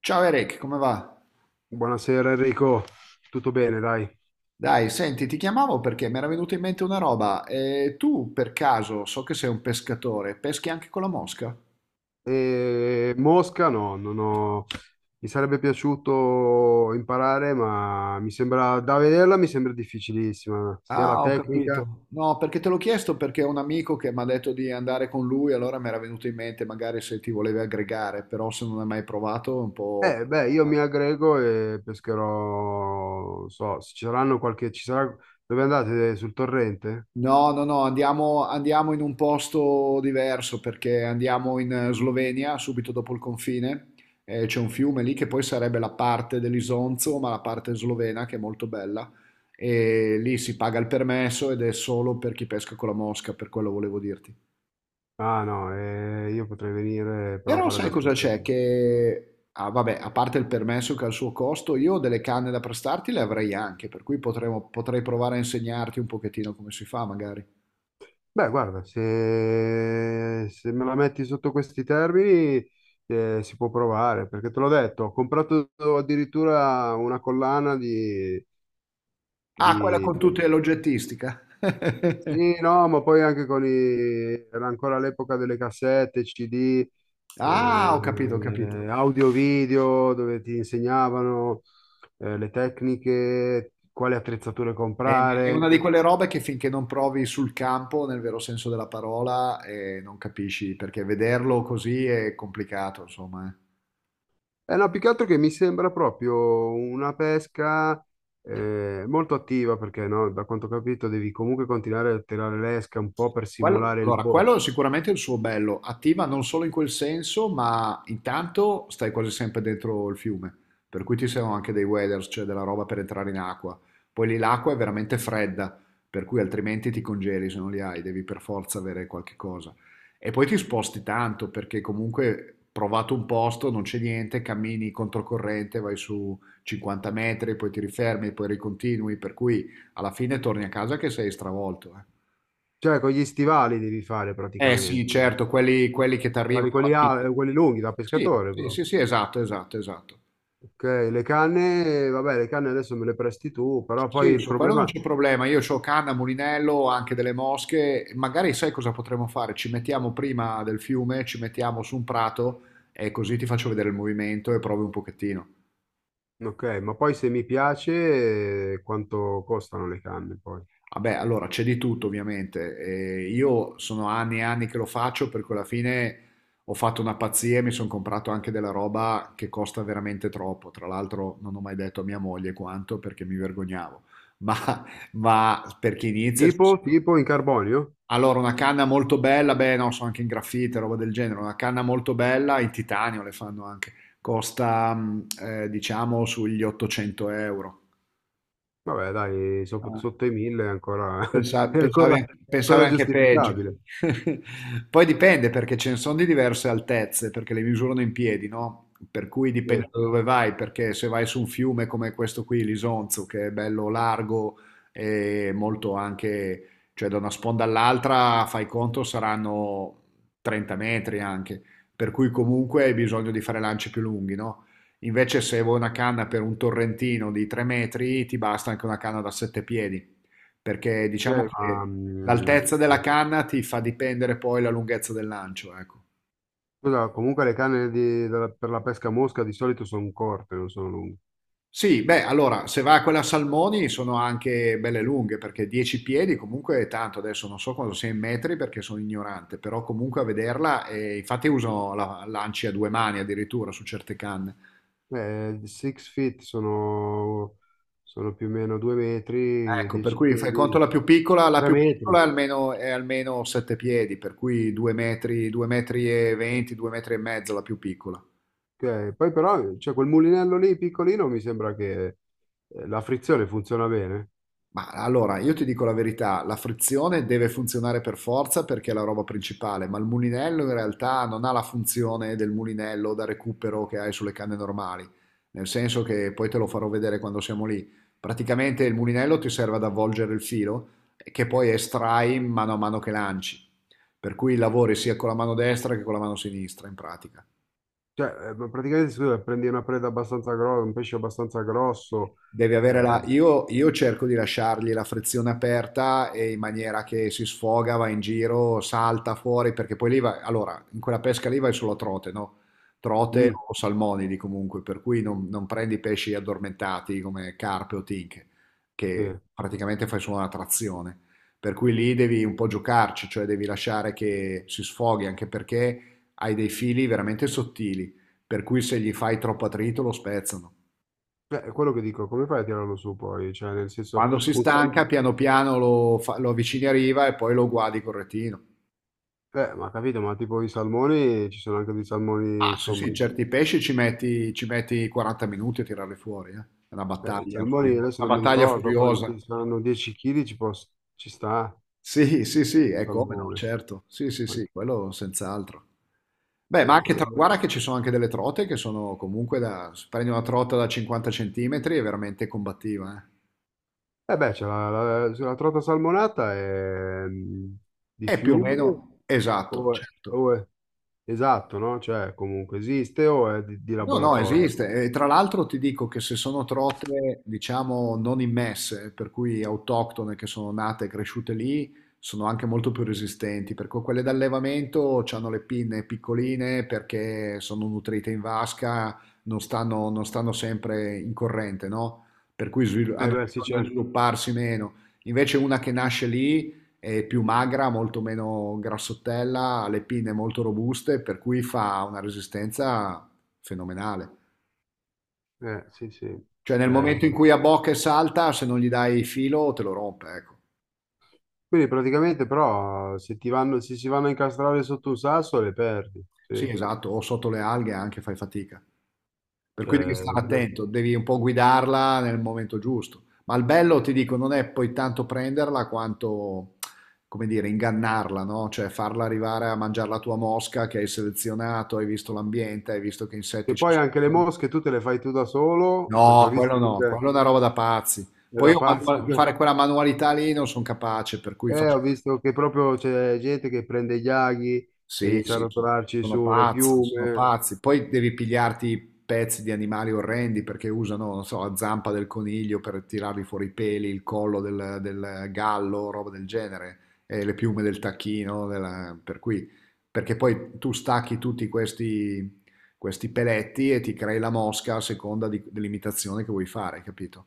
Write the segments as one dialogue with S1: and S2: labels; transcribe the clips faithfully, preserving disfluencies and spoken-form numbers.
S1: Ciao Eric, come va?
S2: Buonasera Enrico, tutto bene, dai.
S1: Dai, senti, ti chiamavo perché mi era venuta in mente una roba. Eh, tu, per caso, so che sei un pescatore, peschi anche con la mosca?
S2: E Mosca no, non ho... Mi sarebbe piaciuto imparare, ma mi sembra, da vederla mi sembra difficilissima, sia la
S1: Ah, ho
S2: tecnica.
S1: capito. No, perché te l'ho chiesto perché ho un amico che mi ha detto di andare con lui, allora mi era venuto in mente magari se ti volevi aggregare, però se non hai mai provato è un po'
S2: Eh, beh, io
S1: complicato.
S2: mi aggrego e pescherò, non so, se ci saranno qualche... Ci sarà... Dove andate? Sul torrente?
S1: No, no, no, andiamo, andiamo in un posto diverso perché andiamo in eh, Slovenia, subito dopo il confine, e c'è un fiume lì che poi sarebbe la parte dell'Isonzo, ma la parte slovena che è molto bella, e lì si paga il permesso ed è solo per chi pesca con la mosca, per quello volevo dirti.
S2: Ah no, eh, io potrei venire però a
S1: Però
S2: fare
S1: sai
S2: da
S1: cosa c'è?
S2: spettatore.
S1: Che, ah, vabbè, a parte il permesso che ha il suo costo, io delle canne da prestarti le avrei anche, per cui potremo- potrei provare a insegnarti un pochettino come si fa magari.
S2: Beh, guarda, se, se me la metti sotto questi termini, eh, si può provare, perché te l'ho detto, ho comprato addirittura una collana di,
S1: Ah, quella
S2: di...
S1: con tutte l'oggettistica.
S2: Sì, no, ma poi anche con i... Era ancora l'epoca delle cassette, C D,
S1: Ah, ho capito, ho capito.
S2: eh, audio-video, dove ti insegnavano eh, le tecniche, quali attrezzature
S1: È è
S2: comprare.
S1: una di quelle robe che finché non provi sul campo, nel vero senso della parola, eh, non capisci, perché vederlo così è complicato, insomma. eh.
S2: Eh no, più che altro che mi sembra proprio una pesca eh, molto attiva perché no, da quanto ho capito devi comunque continuare a tirare l'esca un po' per
S1: Quello-
S2: simulare il
S1: allora,
S2: boh.
S1: quello è sicuramente il suo bello, attiva non solo in quel senso, ma intanto stai quasi sempre dentro il fiume, per cui ci sono anche dei waders, cioè della roba per entrare in acqua. Poi lì l'acqua è veramente fredda, per cui altrimenti ti congeli se non li hai, devi per forza avere qualche cosa. E poi ti sposti tanto, perché comunque provato un posto, non c'è niente, cammini controcorrente, vai su cinquanta metri, poi ti rifermi, poi ricontinui, per cui alla fine torni a casa che sei stravolto, eh.
S2: Cioè con gli stivali devi fare
S1: Eh sì,
S2: praticamente.
S1: certo, quelli, quelli che ti arrivano
S2: Guardi
S1: alla
S2: quelli,
S1: fine.
S2: a- quelli lunghi da
S1: Sì,
S2: pescatore,
S1: sì,
S2: bro.
S1: sì, sì, esatto, esatto, esatto.
S2: Ok, le canne, vabbè, le canne adesso me le presti tu, però poi
S1: Sì,
S2: il
S1: su quello non
S2: problema...
S1: c'è problema. Io ho canna, mulinello, anche delle mosche. Magari sai cosa potremmo fare? Ci mettiamo prima del fiume, ci mettiamo su un prato e così ti faccio vedere il movimento e provi un pochettino.
S2: Ok, ma poi se mi piace, eh, quanto costano le canne poi?
S1: Vabbè, allora c'è di tutto ovviamente. E io sono anni e anni che lo faccio perché alla fine ho fatto una pazzia e mi sono comprato anche della roba che costa veramente troppo. Tra l'altro non ho mai detto a mia moglie quanto perché mi vergognavo. Ma, ma per chi inizia...
S2: Tipo, tipo in carbonio?
S1: Allora, una canna molto bella, beh no, so anche in graffite, roba del genere, una canna molto bella, in titanio le fanno anche, costa mm, eh, diciamo sugli ottocento euro.
S2: Vabbè, dai, sop- sotto i mille è ancora,
S1: Pensa-
S2: è
S1: Pensavi,
S2: ancora,
S1: an-
S2: è
S1: pensavi
S2: ancora
S1: anche peggio.
S2: giustificabile.
S1: Poi dipende perché ce ne sono di diverse altezze, perché le misurano in piedi, no? Per cui dipende
S2: Sì,
S1: da dove vai, perché se vai su un fiume come questo qui, l'Isonzo, che è bello largo e molto anche, cioè da una sponda all'altra, fai conto, saranno trenta metri anche, per cui comunque hai bisogno di fare lanci più lunghi, no? Invece se vuoi una canna per un torrentino di tre metri, ti basta anche una canna da sette piedi perché
S2: ok,
S1: diciamo
S2: ma,
S1: che l'altezza
S2: mm,
S1: della canna ti fa dipendere poi la lunghezza del lancio, ecco.
S2: scusa, comunque le canne di- della- per la pesca a mosca di solito sono corte, non sono lunghe.
S1: Sì, beh, allora, se va a quella a salmoni sono anche belle lunghe, perché dieci piedi comunque è tanto, adesso non so quanto sia in metri perché sono ignorante, però comunque a vederla, e infatti uso la, lanci a due mani addirittura su certe canne.
S2: Eh, six feet sono, sono più o meno due metri,
S1: Ecco, per
S2: dieci
S1: cui fai conto
S2: piedi,
S1: la più piccola, la
S2: tre
S1: più piccola
S2: metri.
S1: è almeno, è almeno sette piedi, per cui due metri, due metri e venti, due metri e mezzo la più piccola.
S2: Ok. Poi però c'è quel mulinello lì piccolino, mi sembra che eh, la frizione funziona bene.
S1: Ma allora, io ti dico la verità, la frizione deve funzionare per forza perché è la roba principale, ma il mulinello in realtà non ha la funzione del mulinello da recupero che hai sulle canne normali, nel senso che poi te lo farò vedere quando siamo lì. Praticamente il mulinello ti serve ad avvolgere il filo eh, che poi estrai mano a mano che lanci, per cui lavori sia con la mano destra che con la mano sinistra in pratica.
S2: Cioè, eh, praticamente si deve prendi una preda abbastanza grossa, un pesce abbastanza grosso.
S1: Devi avere
S2: Eh.
S1: la... Io, io cerco di lasciargli la frizione aperta e in maniera che si sfoga, va in giro, salta fuori, perché poi lì va... Allora, in quella pesca lì vai solo a trote, no? Trote
S2: Mm.
S1: o salmonidi comunque, per cui non, non prendi pesci addormentati come carpe o tinche, che
S2: Sì.
S1: praticamente fai solo una trazione. Per cui lì devi un po' giocarci, cioè devi lasciare che si sfoghi, anche perché hai dei fili veramente sottili, per cui se gli fai troppo attrito lo spezzano.
S2: Cioè, è quello che dico, come fai a tirarlo su poi? Cioè, nel senso,
S1: Quando si
S2: un
S1: stanca,
S2: salmone...
S1: piano piano lo, fa- lo avvicini a riva e poi lo guardi col retino.
S2: Eh, ma capito, ma tipo i salmoni, ci sono anche dei salmoni,
S1: Ah, sì,
S2: insomma...
S1: sì, certi pesci ci metti, ci metti quaranta minuti a tirarli fuori, eh. È una
S2: Eh, i
S1: battaglia
S2: salmoni,
S1: furio-
S2: adesso
S1: una
S2: non mi
S1: battaglia
S2: ricordo
S1: furiosa.
S2: quanti saranno, dieci chili ci, posso- ci sta,
S1: Sì, sì, sì, è come no,
S2: salmone.
S1: certo. Sì, sì, sì,
S2: Anche-
S1: quello senz'altro. Beh,
S2: Eh,
S1: ma anche, tra-
S2: eh,
S1: guarda che ci sono anche delle trote che sono comunque da... se prendi una trota da cinquanta centimetri è veramente combattiva, eh.
S2: eh, beh, c'è la, la, la trota salmonata è, mm, di
S1: È più o
S2: fiume
S1: meno esatto,
S2: o,
S1: certo.
S2: o è Esatto, no? Cioè, comunque esiste o è di, di
S1: No, no,
S2: laboratorio?
S1: esiste. E tra l'altro ti dico che se sono trote, diciamo, non immesse, per cui autoctone che sono nate e cresciute lì, sono anche molto più resistenti, perché quelle d'allevamento hanno le pinne piccoline perché sono nutrite in vasca, non stanno, non stanno sempre in corrente, no? Per cui svil-
S2: Eh,
S1: hanno
S2: beh, sì,
S1: bisogno di
S2: certo.
S1: svilupparsi meno. Invece una che nasce lì è più magra, molto meno grassottella, ha le pinne molto robuste, per cui fa una resistenza fenomenale.
S2: Eh, sì, sì.
S1: Cioè nel
S2: Eh,
S1: momento in cui abbocca e salta, se non gli dai filo te lo rompe, ecco.
S2: quindi praticamente però se ti vanno, se si vanno a incastrare sotto un sasso le perdi,
S1: Sì,
S2: sì.
S1: esatto, o sotto le alghe anche fai fatica. Per
S2: Cioè,
S1: cui devi stare
S2: eh.
S1: attento, devi un po' guidarla nel momento giusto. Ma il bello, ti dico, non è poi tanto prenderla quanto, come dire, ingannarla, no? Cioè farla arrivare a mangiare la tua mosca che hai selezionato, hai visto l'ambiente, hai visto che insetti
S2: Che
S1: ci
S2: poi anche le
S1: sono.
S2: mosche tu te le fai tu da solo, perché ho
S1: No, quello
S2: visto che
S1: no,
S2: te-
S1: quello è una roba da pazzi.
S2: è
S1: Poi
S2: da
S1: io
S2: pazzo.
S1: manu-
S2: perché-
S1: fare quella manualità lì non sono capace, per cui
S2: Eh,
S1: faccio...
S2: ho visto che proprio c'è gente che prende gli aghi e
S1: Sì,
S2: inizia a
S1: sì, sono,
S2: rotolarci
S1: sono
S2: sulle
S1: pazzi, sono
S2: piume.
S1: pazzi. Poi devi pigliarti pezzi di animali orrendi perché usano, non so, la zampa del coniglio per tirargli fuori i peli, il collo del, del gallo, roba del genere, e le piume del tacchino, della- per cui... Perché poi tu stacchi tutti questi, questi peletti e ti crei la mosca a seconda di- dell'imitazione che vuoi fare, capito?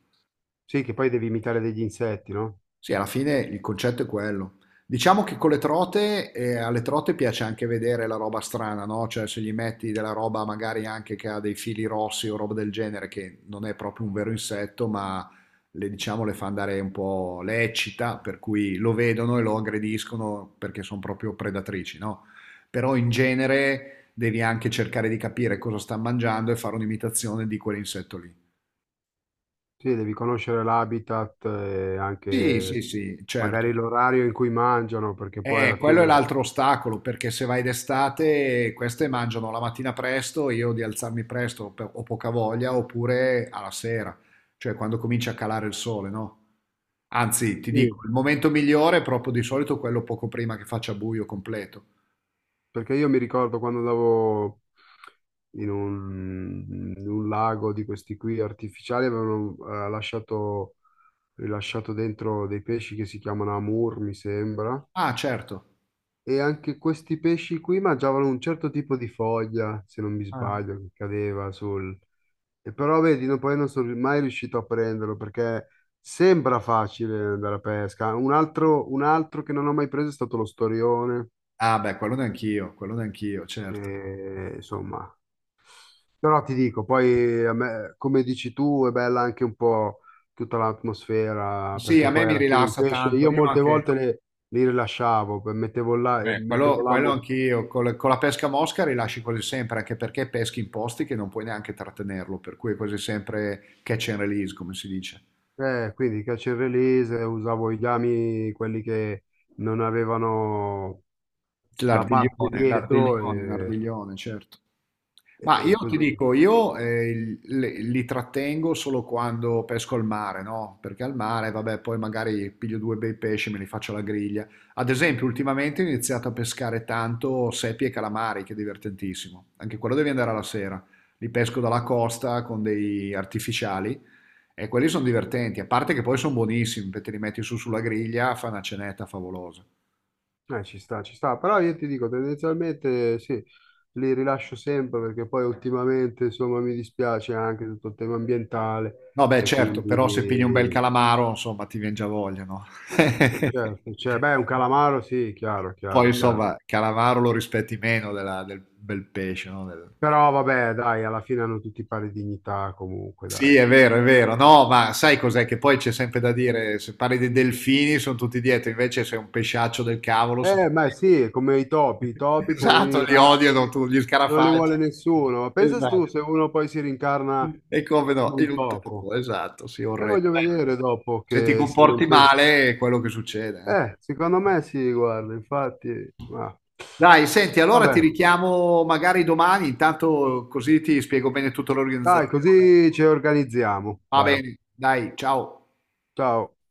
S2: Sì, che poi devi imitare degli insetti, no?
S1: Sì, alla fine il concetto è quello. Diciamo che con le trote, eh, alle trote piace anche vedere la roba strana, no? Cioè se gli metti della roba magari anche che ha dei fili rossi o roba del genere, che non è proprio un vero insetto, ma le, diciamo, le fa andare un po', le eccita, per cui lo vedono e lo aggrediscono perché sono proprio predatrici, no? Però in genere devi anche cercare di capire cosa sta mangiando e fare un'imitazione di quell'insetto lì.
S2: Sì, devi conoscere l'habitat e
S1: Sì, sì,
S2: anche
S1: sì, certo.
S2: magari l'orario in cui mangiano, perché poi alla
S1: Eh, quello è
S2: fine...
S1: l'altro ostacolo, perché se vai d'estate, queste mangiano la mattina presto, io di alzarmi presto pe- ho poca voglia, oppure alla sera, cioè quando comincia a calare il sole, no? Anzi, ti
S2: Sì,
S1: dico, il momento migliore è proprio di solito quello poco prima che faccia buio completo.
S2: perché io mi ricordo quando andavo in un, in un lago di questi qui artificiali, avevano eh, lasciato, rilasciato dentro dei pesci che si chiamano amur, mi sembra,
S1: Ah, certo.
S2: e anche questi pesci qui mangiavano un certo tipo di foglia, se non mi
S1: Ah,
S2: sbaglio, che cadeva sul... E però vedi, no- poi non sono mai riuscito a prenderlo perché sembra facile andare a pesca. Un altro, un altro che non ho mai preso è stato lo storione,
S1: Ah, beh, quello neanch'io, quello neanch'io, certo.
S2: che insomma. Però ti dico, poi a me, come dici tu, è bella anche un po' tutta l'atmosfera,
S1: Sì,
S2: perché
S1: a me
S2: poi
S1: mi
S2: alla fine il
S1: rilassa
S2: pesce,
S1: tanto,
S2: io
S1: io
S2: molte volte
S1: anche...
S2: le- li rilasciavo, per- mettevo là, eh,
S1: Beh,
S2: mettevo
S1: quello, quello
S2: l'amo,
S1: anch'io, col- con, la pesca a mosca rilasci quasi sempre, anche perché peschi in posti che non puoi neanche trattenerlo, per cui è quasi sempre catch and release, come si dice.
S2: eh, quindi catch and release, usavo i gami, quelli che non avevano la parte
S1: L'ardiglione,
S2: dietro
S1: l'ardiglione, l'ardiglione, certo.
S2: E,
S1: Ma
S2: e
S1: io
S2: così.
S1: ti dico, io eh, li, li trattengo solo quando pesco al mare, no? Perché al mare, vabbè, poi magari piglio due bei pesci e me li faccio alla griglia. Ad esempio, ultimamente ho iniziato a pescare tanto seppie e calamari, che è divertentissimo. Anche quello devi andare alla sera. Li pesco dalla costa con dei artificiali e quelli sono divertenti, a parte che poi sono buonissimi, perché te li metti su sulla griglia, fa una cenetta favolosa.
S2: Eh, ci sta, ci sta, però io ti dico tendenzialmente sì, li rilascio sempre perché poi ultimamente insomma mi dispiace anche tutto il tema
S1: No,
S2: ambientale
S1: beh,
S2: e
S1: certo, però
S2: quindi
S1: se pigli un bel
S2: eh,
S1: calamaro, insomma, ti vien già voglia, no?
S2: certo, cioè, beh, un calamaro sì, chiaro,
S1: Poi,
S2: chiaro, chiaro.
S1: insomma, calamaro lo rispetti meno della- del bel pesce, no? Del-
S2: Però vabbè, dai, alla fine hanno tutti pari dignità comunque,
S1: Sì,
S2: dai.
S1: è vero, è vero. No, ma sai cos'è che poi c'è sempre da dire, se parli dei delfini sono tutti dietro, invece sei un pesciaccio del cavolo. se-
S2: Eh, ma sì, è come i topi, i topi,
S1: Esatto,
S2: poverini
S1: li odiano
S2: ratti,
S1: tu, gli
S2: non li
S1: scarafaggi.
S2: vuole nessuno. Ma pensa tu
S1: Esatto.
S2: se uno poi si rincarna
S1: E come
S2: in
S1: no,
S2: un
S1: in un
S2: topo.
S1: topo, esatto, sì,
S2: E
S1: orrendo.
S2: voglio vedere
S1: Eh,
S2: dopo
S1: Se ti
S2: che se
S1: comporti
S2: non... pe-
S1: male è quello che succede.
S2: Eh, secondo
S1: eh.
S2: me sì, guarda, infatti... Ma...
S1: Dai, senti, allora ti
S2: Vabbè,
S1: richiamo magari domani, intanto così ti spiego bene tutta
S2: dai,
S1: l'organizzazione.
S2: così ci organizziamo.
S1: Va
S2: Dai,
S1: bene, dai, ciao.
S2: ciao.